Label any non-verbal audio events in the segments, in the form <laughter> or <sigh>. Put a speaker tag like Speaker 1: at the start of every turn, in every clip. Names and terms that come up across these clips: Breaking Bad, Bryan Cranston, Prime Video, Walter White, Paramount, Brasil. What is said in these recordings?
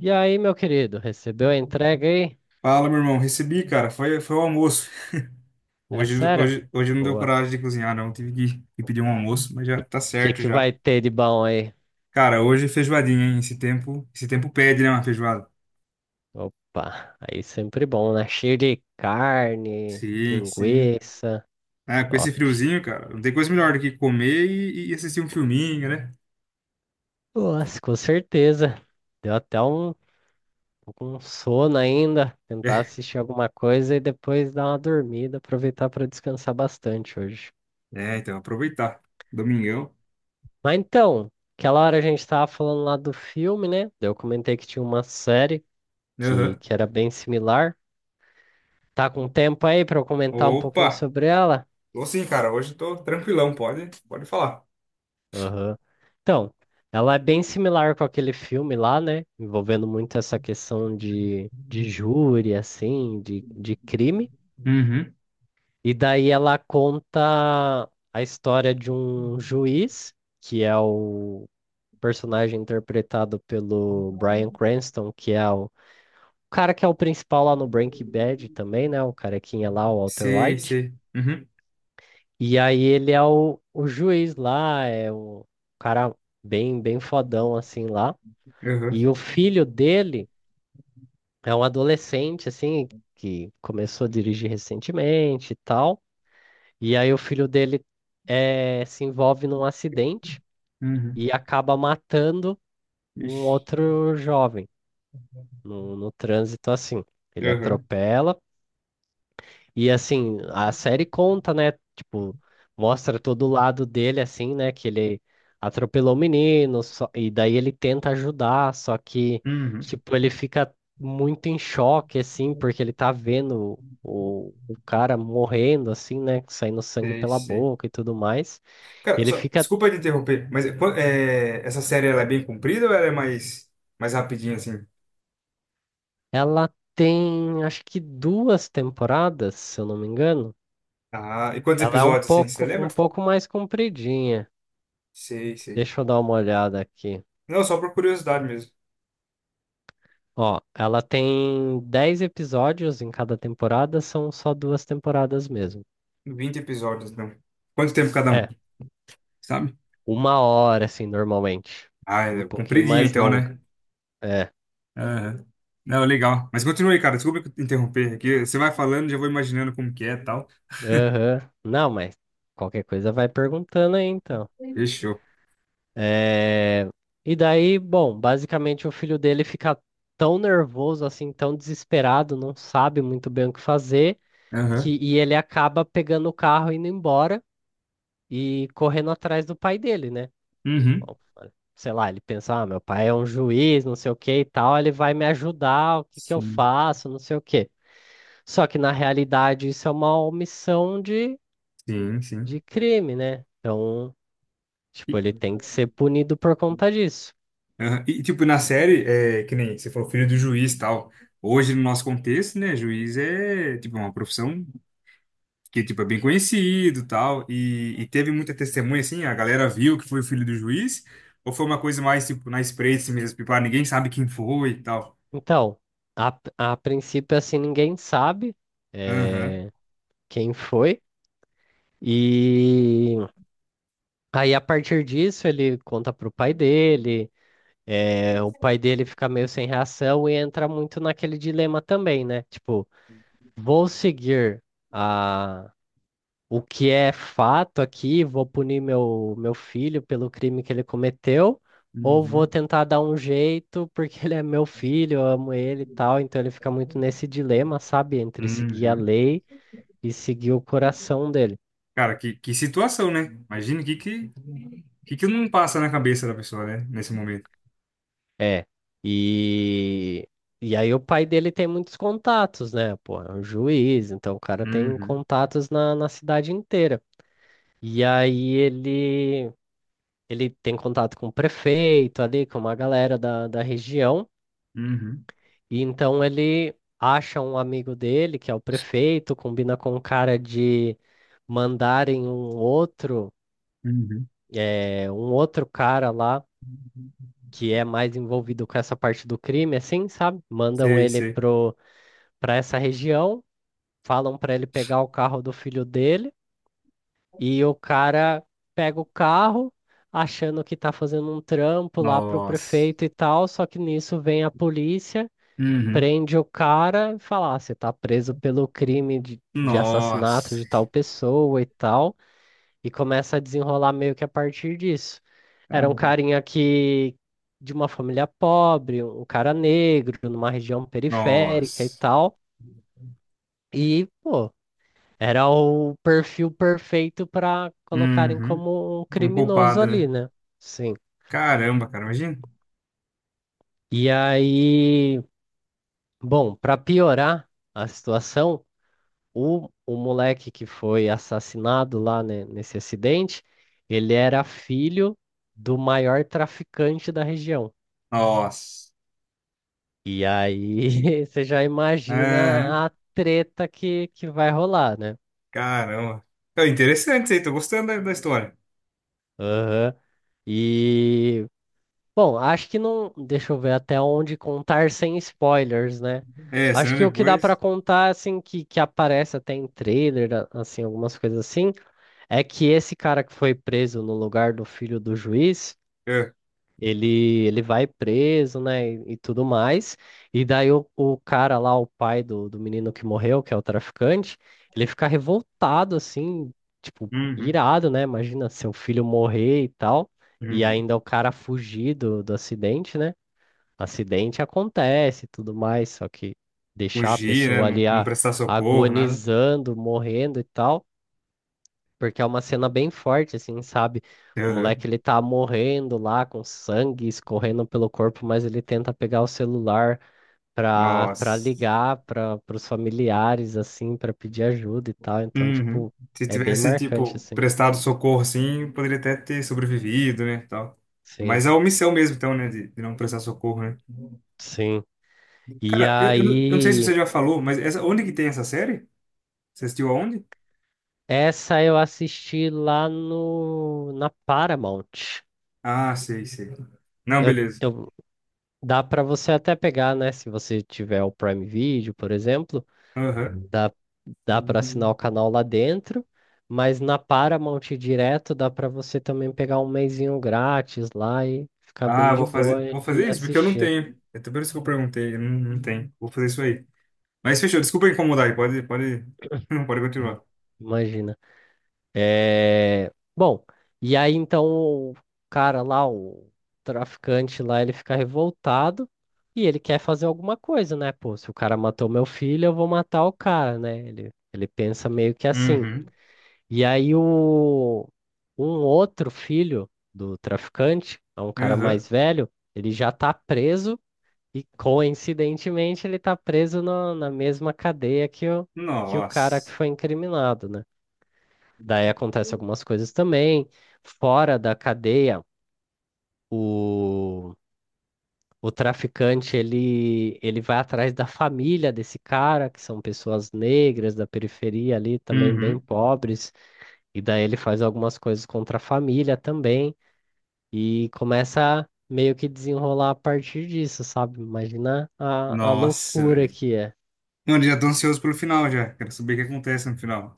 Speaker 1: E aí, meu querido, recebeu a entrega aí?
Speaker 2: Fala, meu irmão. Recebi, cara. Foi o almoço.
Speaker 1: É
Speaker 2: Hoje,
Speaker 1: sério?
Speaker 2: hoje, hoje não deu
Speaker 1: Boa. O
Speaker 2: coragem de cozinhar, não. Tive que pedir um almoço, mas já tá
Speaker 1: que
Speaker 2: certo
Speaker 1: que
Speaker 2: já.
Speaker 1: vai ter de bom aí?
Speaker 2: Cara, hoje é feijoadinha, hein? Esse tempo pede, né, uma feijoada?
Speaker 1: Opa, aí sempre bom, né? Cheio de carne,
Speaker 2: Sim, sim.
Speaker 1: linguiça.
Speaker 2: Ah, com esse
Speaker 1: Top.
Speaker 2: friozinho, cara, não tem coisa melhor do que comer e assistir um filminho, né?
Speaker 1: Nossa, com certeza. Deu até um sono ainda. Tentar
Speaker 2: É,
Speaker 1: assistir alguma coisa e depois dar uma dormida, aproveitar para descansar bastante hoje.
Speaker 2: é, então, aproveitar. Domingão.
Speaker 1: Mas então, aquela hora a gente tava falando lá do filme, né? Daí eu comentei que tinha uma série que,
Speaker 2: Aham.
Speaker 1: que era bem similar. Tá com um tempo aí para eu comentar um pouquinho
Speaker 2: Opa!
Speaker 1: sobre ela?
Speaker 2: Tô sim, cara. Hoje tô tranquilão, pode falar.
Speaker 1: Aham. Então, ela é bem similar com aquele filme lá, né? Envolvendo muito essa questão de júri, assim, de crime.
Speaker 2: Uhum.
Speaker 1: E daí ela conta a história de um juiz, que é o personagem interpretado pelo Bryan Cranston, que é o cara que é o principal lá no Breaking Bad também, né? O carequinha lá, o Walter
Speaker 2: Sei,
Speaker 1: White.
Speaker 2: sei. Uhum.
Speaker 1: E aí ele é o juiz lá, é o cara bem, bem fodão assim lá. E
Speaker 2: Aham.
Speaker 1: o filho dele é um adolescente assim, que começou a dirigir recentemente e tal. E aí o filho dele se envolve num acidente
Speaker 2: Uhum.
Speaker 1: e acaba matando um
Speaker 2: Ixi.
Speaker 1: outro jovem no trânsito assim. Ele
Speaker 2: Aham.
Speaker 1: atropela. E assim, a série conta, né? Tipo, mostra todo o lado dele, assim, né? Que ele atropelou o menino, e daí ele tenta ajudar, só que,
Speaker 2: Uhum.
Speaker 1: tipo, ele fica muito em choque, assim, porque ele tá vendo o cara morrendo, assim, né? Saindo sangue
Speaker 2: Sei,
Speaker 1: pela
Speaker 2: sei.
Speaker 1: boca e tudo mais.
Speaker 2: Cara,
Speaker 1: Ele
Speaker 2: só,
Speaker 1: fica.
Speaker 2: desculpa te interromper, mas é, é, essa série ela é bem comprida ou ela é mais, mais rapidinha, assim?
Speaker 1: Ela tem, acho que duas temporadas, se eu não me engano.
Speaker 2: Ah, e quantos
Speaker 1: Ela é um
Speaker 2: episódios, assim, você
Speaker 1: pouco,
Speaker 2: lembra?
Speaker 1: um pouco mais compridinha.
Speaker 2: Sei, sei.
Speaker 1: Deixa eu dar uma olhada aqui.
Speaker 2: Não, só por curiosidade mesmo.
Speaker 1: Ó, ela tem 10 episódios em cada temporada, são só duas temporadas mesmo.
Speaker 2: Vinte episódios, não. Quanto tempo cada um,
Speaker 1: É,
Speaker 2: sabe?
Speaker 1: uma hora, assim, normalmente.
Speaker 2: Ah,
Speaker 1: Um
Speaker 2: é
Speaker 1: pouquinho
Speaker 2: compridinha
Speaker 1: mais
Speaker 2: então,
Speaker 1: longa.
Speaker 2: né?
Speaker 1: É,
Speaker 2: Aham. Não, legal. Mas continue, aí, cara, desculpa te interromper aqui. Você vai falando, já vou imaginando como que é e tal.
Speaker 1: aham. Não, mas qualquer coisa vai perguntando aí, então.
Speaker 2: Fechou.
Speaker 1: É... E daí, bom, basicamente o filho dele fica tão nervoso, assim, tão desesperado, não sabe muito bem o que fazer,
Speaker 2: Aham.
Speaker 1: que... e ele acaba pegando o carro, indo embora e correndo atrás do pai dele, né?
Speaker 2: Uhum.
Speaker 1: Bom, sei lá, ele pensa, ah, meu pai é um juiz, não sei o que e tal, ele vai me ajudar, o que que eu
Speaker 2: Sim,
Speaker 1: faço, não sei o que. Só que na realidade isso é uma omissão de,
Speaker 2: sim, sim.
Speaker 1: de crime, né? Então, tipo,
Speaker 2: E-
Speaker 1: ele tem que ser punido por conta disso.
Speaker 2: Aham. E, tipo, na série, é, que nem você falou, filho do juiz e tal. Hoje, no nosso contexto, né, juiz é, tipo, uma profissão que, tipo, é bem conhecido e tal. E teve muita testemunha, assim, a galera viu que foi o filho do juiz? Ou foi uma coisa mais, tipo, na espreita assim mesmo, tipo, ah, ninguém sabe quem foi e tal?
Speaker 1: Então, a princípio, assim, ninguém sabe
Speaker 2: Aham.
Speaker 1: quem foi, e aí a partir disso ele conta pro pai dele. É, o pai dele fica meio sem reação e entra muito naquele dilema também, né? Tipo, vou seguir a, o que é fato aqui, vou punir meu filho pelo crime que ele cometeu, ou vou
Speaker 2: Uhum.
Speaker 1: tentar dar um jeito, porque <laughs> ele é meu filho, eu amo ele e tal, então ele fica muito nesse dilema, sabe, entre seguir a
Speaker 2: Uhum.
Speaker 1: lei e seguir o coração dele.
Speaker 2: Cara, que situação, né? Imagina o que não passa na cabeça da pessoa, né, nesse momento.
Speaker 1: É, e, e aí o pai dele tem muitos contatos, né, pô, é um juiz, então o cara tem
Speaker 2: Uhum.
Speaker 1: contatos na cidade inteira. E aí ele tem contato com o prefeito ali, com uma galera da região,
Speaker 2: Uhum.
Speaker 1: e então ele acha um amigo dele, que é o prefeito, combina com o cara de mandarem um outro,
Speaker 2: Uhum.
Speaker 1: eh, um outro cara lá que é mais envolvido com essa parte do crime, assim, sabe? Mandam
Speaker 2: Sei,
Speaker 1: ele
Speaker 2: sei.
Speaker 1: pra essa região, falam para ele pegar o carro do filho dele. E o cara pega o carro, achando que tá fazendo um trampo lá pro
Speaker 2: Nossa.
Speaker 1: prefeito e tal, só que nisso vem a polícia,
Speaker 2: Uhum.
Speaker 1: prende o cara e fala: "Ah, você tá preso pelo crime de assassinato
Speaker 2: Nossa,
Speaker 1: de tal pessoa e tal, e começa a desenrolar meio que a partir disso.
Speaker 2: tá?
Speaker 1: Era um carinha que. De uma família pobre, um cara negro, numa região periférica e
Speaker 2: Nossa.
Speaker 1: tal. E, pô, era o perfil perfeito para colocarem
Speaker 2: Uhum.
Speaker 1: como um
Speaker 2: Como
Speaker 1: criminoso
Speaker 2: culpado,
Speaker 1: ali,
Speaker 2: né?
Speaker 1: né? Sim.
Speaker 2: Caramba, cara, imagina.
Speaker 1: E aí, bom, para piorar a situação, o moleque que foi assassinado lá, né, nesse acidente, ele era filho do maior traficante da região.
Speaker 2: Nossa.
Speaker 1: E aí, <laughs> você já
Speaker 2: Aham,
Speaker 1: imagina a treta que vai rolar, né?
Speaker 2: caramba. É interessante isso aí, tô gostando da história.
Speaker 1: Aham. E Bom, acho que não. Deixa eu ver até onde contar sem spoilers, né?
Speaker 2: É,
Speaker 1: Acho
Speaker 2: senão
Speaker 1: que o que dá pra
Speaker 2: depois.
Speaker 1: contar, assim, que aparece até em trailer, assim, algumas coisas assim, é que esse cara que foi preso no lugar do filho do juiz,
Speaker 2: É,
Speaker 1: ele vai preso, né, e tudo mais. E daí o cara lá, o pai do menino que morreu, que é o traficante, ele fica revoltado, assim, tipo,
Speaker 2: uhum.
Speaker 1: irado, né? Imagina seu filho morrer e tal, e
Speaker 2: Uhum.
Speaker 1: ainda o cara fugir do acidente, né? Acidente acontece e tudo mais, só que deixar a
Speaker 2: Fugir, né?
Speaker 1: pessoa
Speaker 2: Não,
Speaker 1: ali
Speaker 2: não prestar socorro, nada.
Speaker 1: agonizando, morrendo e tal porque é uma cena bem forte, assim, sabe? O moleque
Speaker 2: Uhum.
Speaker 1: ele tá morrendo lá com sangue escorrendo pelo corpo, mas ele tenta pegar o celular pra
Speaker 2: Nossa.
Speaker 1: ligar para os familiares, assim, pra pedir ajuda e tal. Então,
Speaker 2: Uhum.
Speaker 1: tipo,
Speaker 2: Se
Speaker 1: é bem
Speaker 2: tivesse,
Speaker 1: marcante,
Speaker 2: tipo,
Speaker 1: assim.
Speaker 2: prestado socorro assim, poderia até ter sobrevivido, né? Tal.
Speaker 1: Sim,
Speaker 2: Mas a omissão mesmo, então, né? De não prestar socorro, né?
Speaker 1: sim. E
Speaker 2: Cara, não eu não sei se
Speaker 1: aí,
Speaker 2: você já falou, mas essa, onde que tem essa série? Você assistiu aonde?
Speaker 1: essa eu assisti lá no, na Paramount.
Speaker 2: Ah, sei, sei. Não,
Speaker 1: Eu,
Speaker 2: beleza.
Speaker 1: eu- Dá pra você até pegar, né? Se você tiver o Prime Video, por exemplo.
Speaker 2: Aham.
Speaker 1: Dá, dá para assinar o canal lá dentro, mas na Paramount direto dá para você também pegar um mesinho grátis lá e ficar bem
Speaker 2: Ah,
Speaker 1: de
Speaker 2: vou
Speaker 1: boa
Speaker 2: fazer, vou
Speaker 1: e
Speaker 2: fazer isso, porque eu não
Speaker 1: assistir,
Speaker 2: tenho. É até por isso que eu perguntei, eu não tenho. Vou fazer isso aí. Mas fechou, desculpa incomodar aí, <laughs> pode
Speaker 1: né?
Speaker 2: continuar.
Speaker 1: Imagina. É... Bom, e aí então o cara lá, o traficante lá, ele fica revoltado e ele quer fazer alguma coisa, né? Pô, se o cara matou meu filho, eu vou matar o cara, né? Ele pensa meio que assim.
Speaker 2: Uhum.
Speaker 1: E aí o um outro filho do traficante, é um cara
Speaker 2: Aham.
Speaker 1: mais velho, ele já tá preso e coincidentemente ele tá preso na mesma cadeia que o cara que
Speaker 2: Nossa.
Speaker 1: foi incriminado, né? Daí acontece algumas coisas também. Fora da cadeia, o, o traficante ele vai atrás da família desse cara, que são pessoas negras da periferia ali, também bem
Speaker 2: Uhum.
Speaker 1: pobres. E daí ele faz algumas coisas contra a família também e começa a meio que desenrolar a partir disso, sabe? Imagina a
Speaker 2: Nossa,
Speaker 1: loucura
Speaker 2: velho.
Speaker 1: que é.
Speaker 2: Mano, já tô ansioso pelo final já. Quero saber o que acontece no final.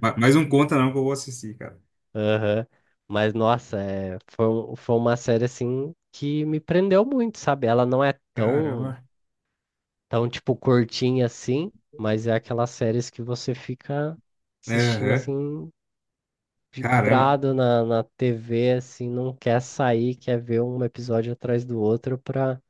Speaker 2: Mas não conta não que eu vou assistir, cara.
Speaker 1: Aham. Mas nossa, foi uma série assim que me prendeu muito, sabe? Ela não é tão,
Speaker 2: Caramba.
Speaker 1: tão tipo curtinha assim, mas é aquelas séries que você fica assistindo
Speaker 2: Aham.
Speaker 1: assim
Speaker 2: Caramba.
Speaker 1: vibrado na TV, assim, não quer sair, quer ver um episódio atrás do outro pra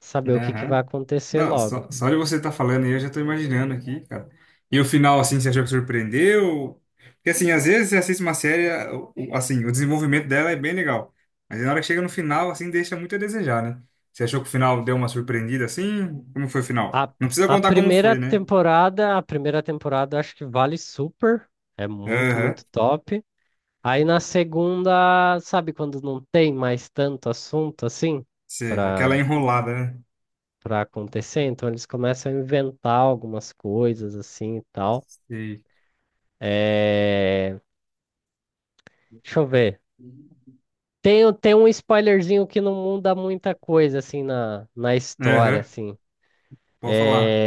Speaker 1: saber o que que vai
Speaker 2: Aham.
Speaker 1: acontecer
Speaker 2: Não,
Speaker 1: logo.
Speaker 2: só de você estar falando aí, eu já tô imaginando aqui, cara. E o final, assim, você achou que surpreendeu? Porque, assim, às vezes você assiste uma série, assim, o desenvolvimento dela é bem legal. Mas na hora que chega no final, assim, deixa muito a desejar, né? Você achou que o final deu uma surpreendida, assim? Como foi o final?
Speaker 1: A,
Speaker 2: Não precisa
Speaker 1: a
Speaker 2: contar como
Speaker 1: primeira
Speaker 2: foi, né?
Speaker 1: temporada, a primeira temporada eu acho que vale super, é muito,
Speaker 2: Aham.
Speaker 1: muito top. Aí na segunda, sabe quando não tem mais tanto assunto assim
Speaker 2: Seja, aquela
Speaker 1: para
Speaker 2: enrolada, né?
Speaker 1: para acontecer, então eles começam a inventar algumas coisas assim e tal.
Speaker 2: Sei.
Speaker 1: É... Deixa eu ver. Tem um spoilerzinho que não muda muita coisa assim na história
Speaker 2: Aham.
Speaker 1: assim.
Speaker 2: Pode falar.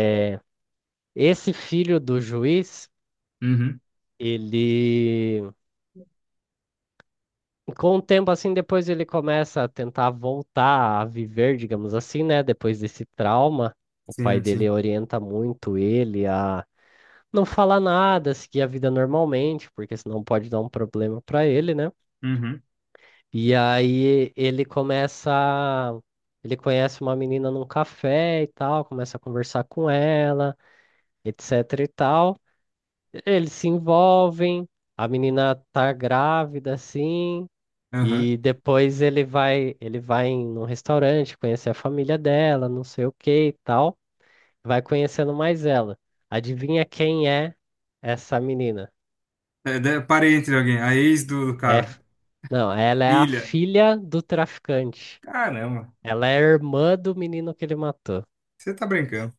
Speaker 1: Esse filho do juiz,
Speaker 2: Uhum.
Speaker 1: ele com o tempo, assim, depois ele começa a tentar voltar a viver, digamos assim, né? Depois desse trauma, o pai
Speaker 2: Sim,
Speaker 1: dele
Speaker 2: sim.
Speaker 1: orienta muito ele a não falar nada, seguir a vida normalmente, porque senão pode dar um problema pra ele, né?
Speaker 2: Uhum.
Speaker 1: E aí ele começa. Ele conhece uma menina num café e tal, começa a conversar com ela, etc e tal. Eles se envolvem, a menina tá grávida, assim.
Speaker 2: Aham.
Speaker 1: E depois ele vai em um restaurante conhecer a família dela, não sei o que e tal. Vai conhecendo mais ela. Adivinha quem é essa menina?
Speaker 2: É, parente de alguém, a ex do
Speaker 1: É, f-
Speaker 2: cara.
Speaker 1: não, ela é a
Speaker 2: Filha.
Speaker 1: filha do traficante.
Speaker 2: Caramba,
Speaker 1: Ela é a irmã do menino que ele matou.
Speaker 2: você tá brincando.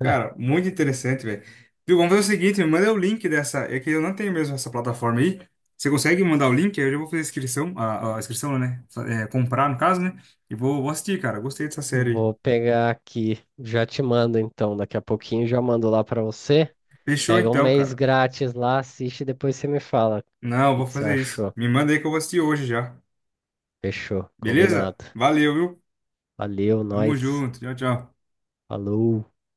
Speaker 2: Cara, muito interessante, velho. Viu, vamos fazer o seguinte, me manda o link dessa. É que eu não tenho mesmo essa plataforma aí. Você consegue mandar o link? Aí eu já vou fazer a inscrição, a inscrição, né? É, comprar, no caso, né? E vou assistir, cara. Gostei dessa série aí.
Speaker 1: Vou pegar aqui, já te mando então, daqui a pouquinho já mando lá pra você.
Speaker 2: Fechou
Speaker 1: Pega um
Speaker 2: então,
Speaker 1: mês
Speaker 2: cara.
Speaker 1: grátis lá, assiste e depois você me fala o
Speaker 2: Não, eu
Speaker 1: que
Speaker 2: vou
Speaker 1: que você
Speaker 2: fazer isso.
Speaker 1: achou.
Speaker 2: Me manda aí que eu vou assistir hoje já.
Speaker 1: Fechou,
Speaker 2: Beleza?
Speaker 1: combinado.
Speaker 2: Valeu, viu?
Speaker 1: Valeu,
Speaker 2: Tamo
Speaker 1: nós.
Speaker 2: junto. Tchau, tchau.
Speaker 1: Falou.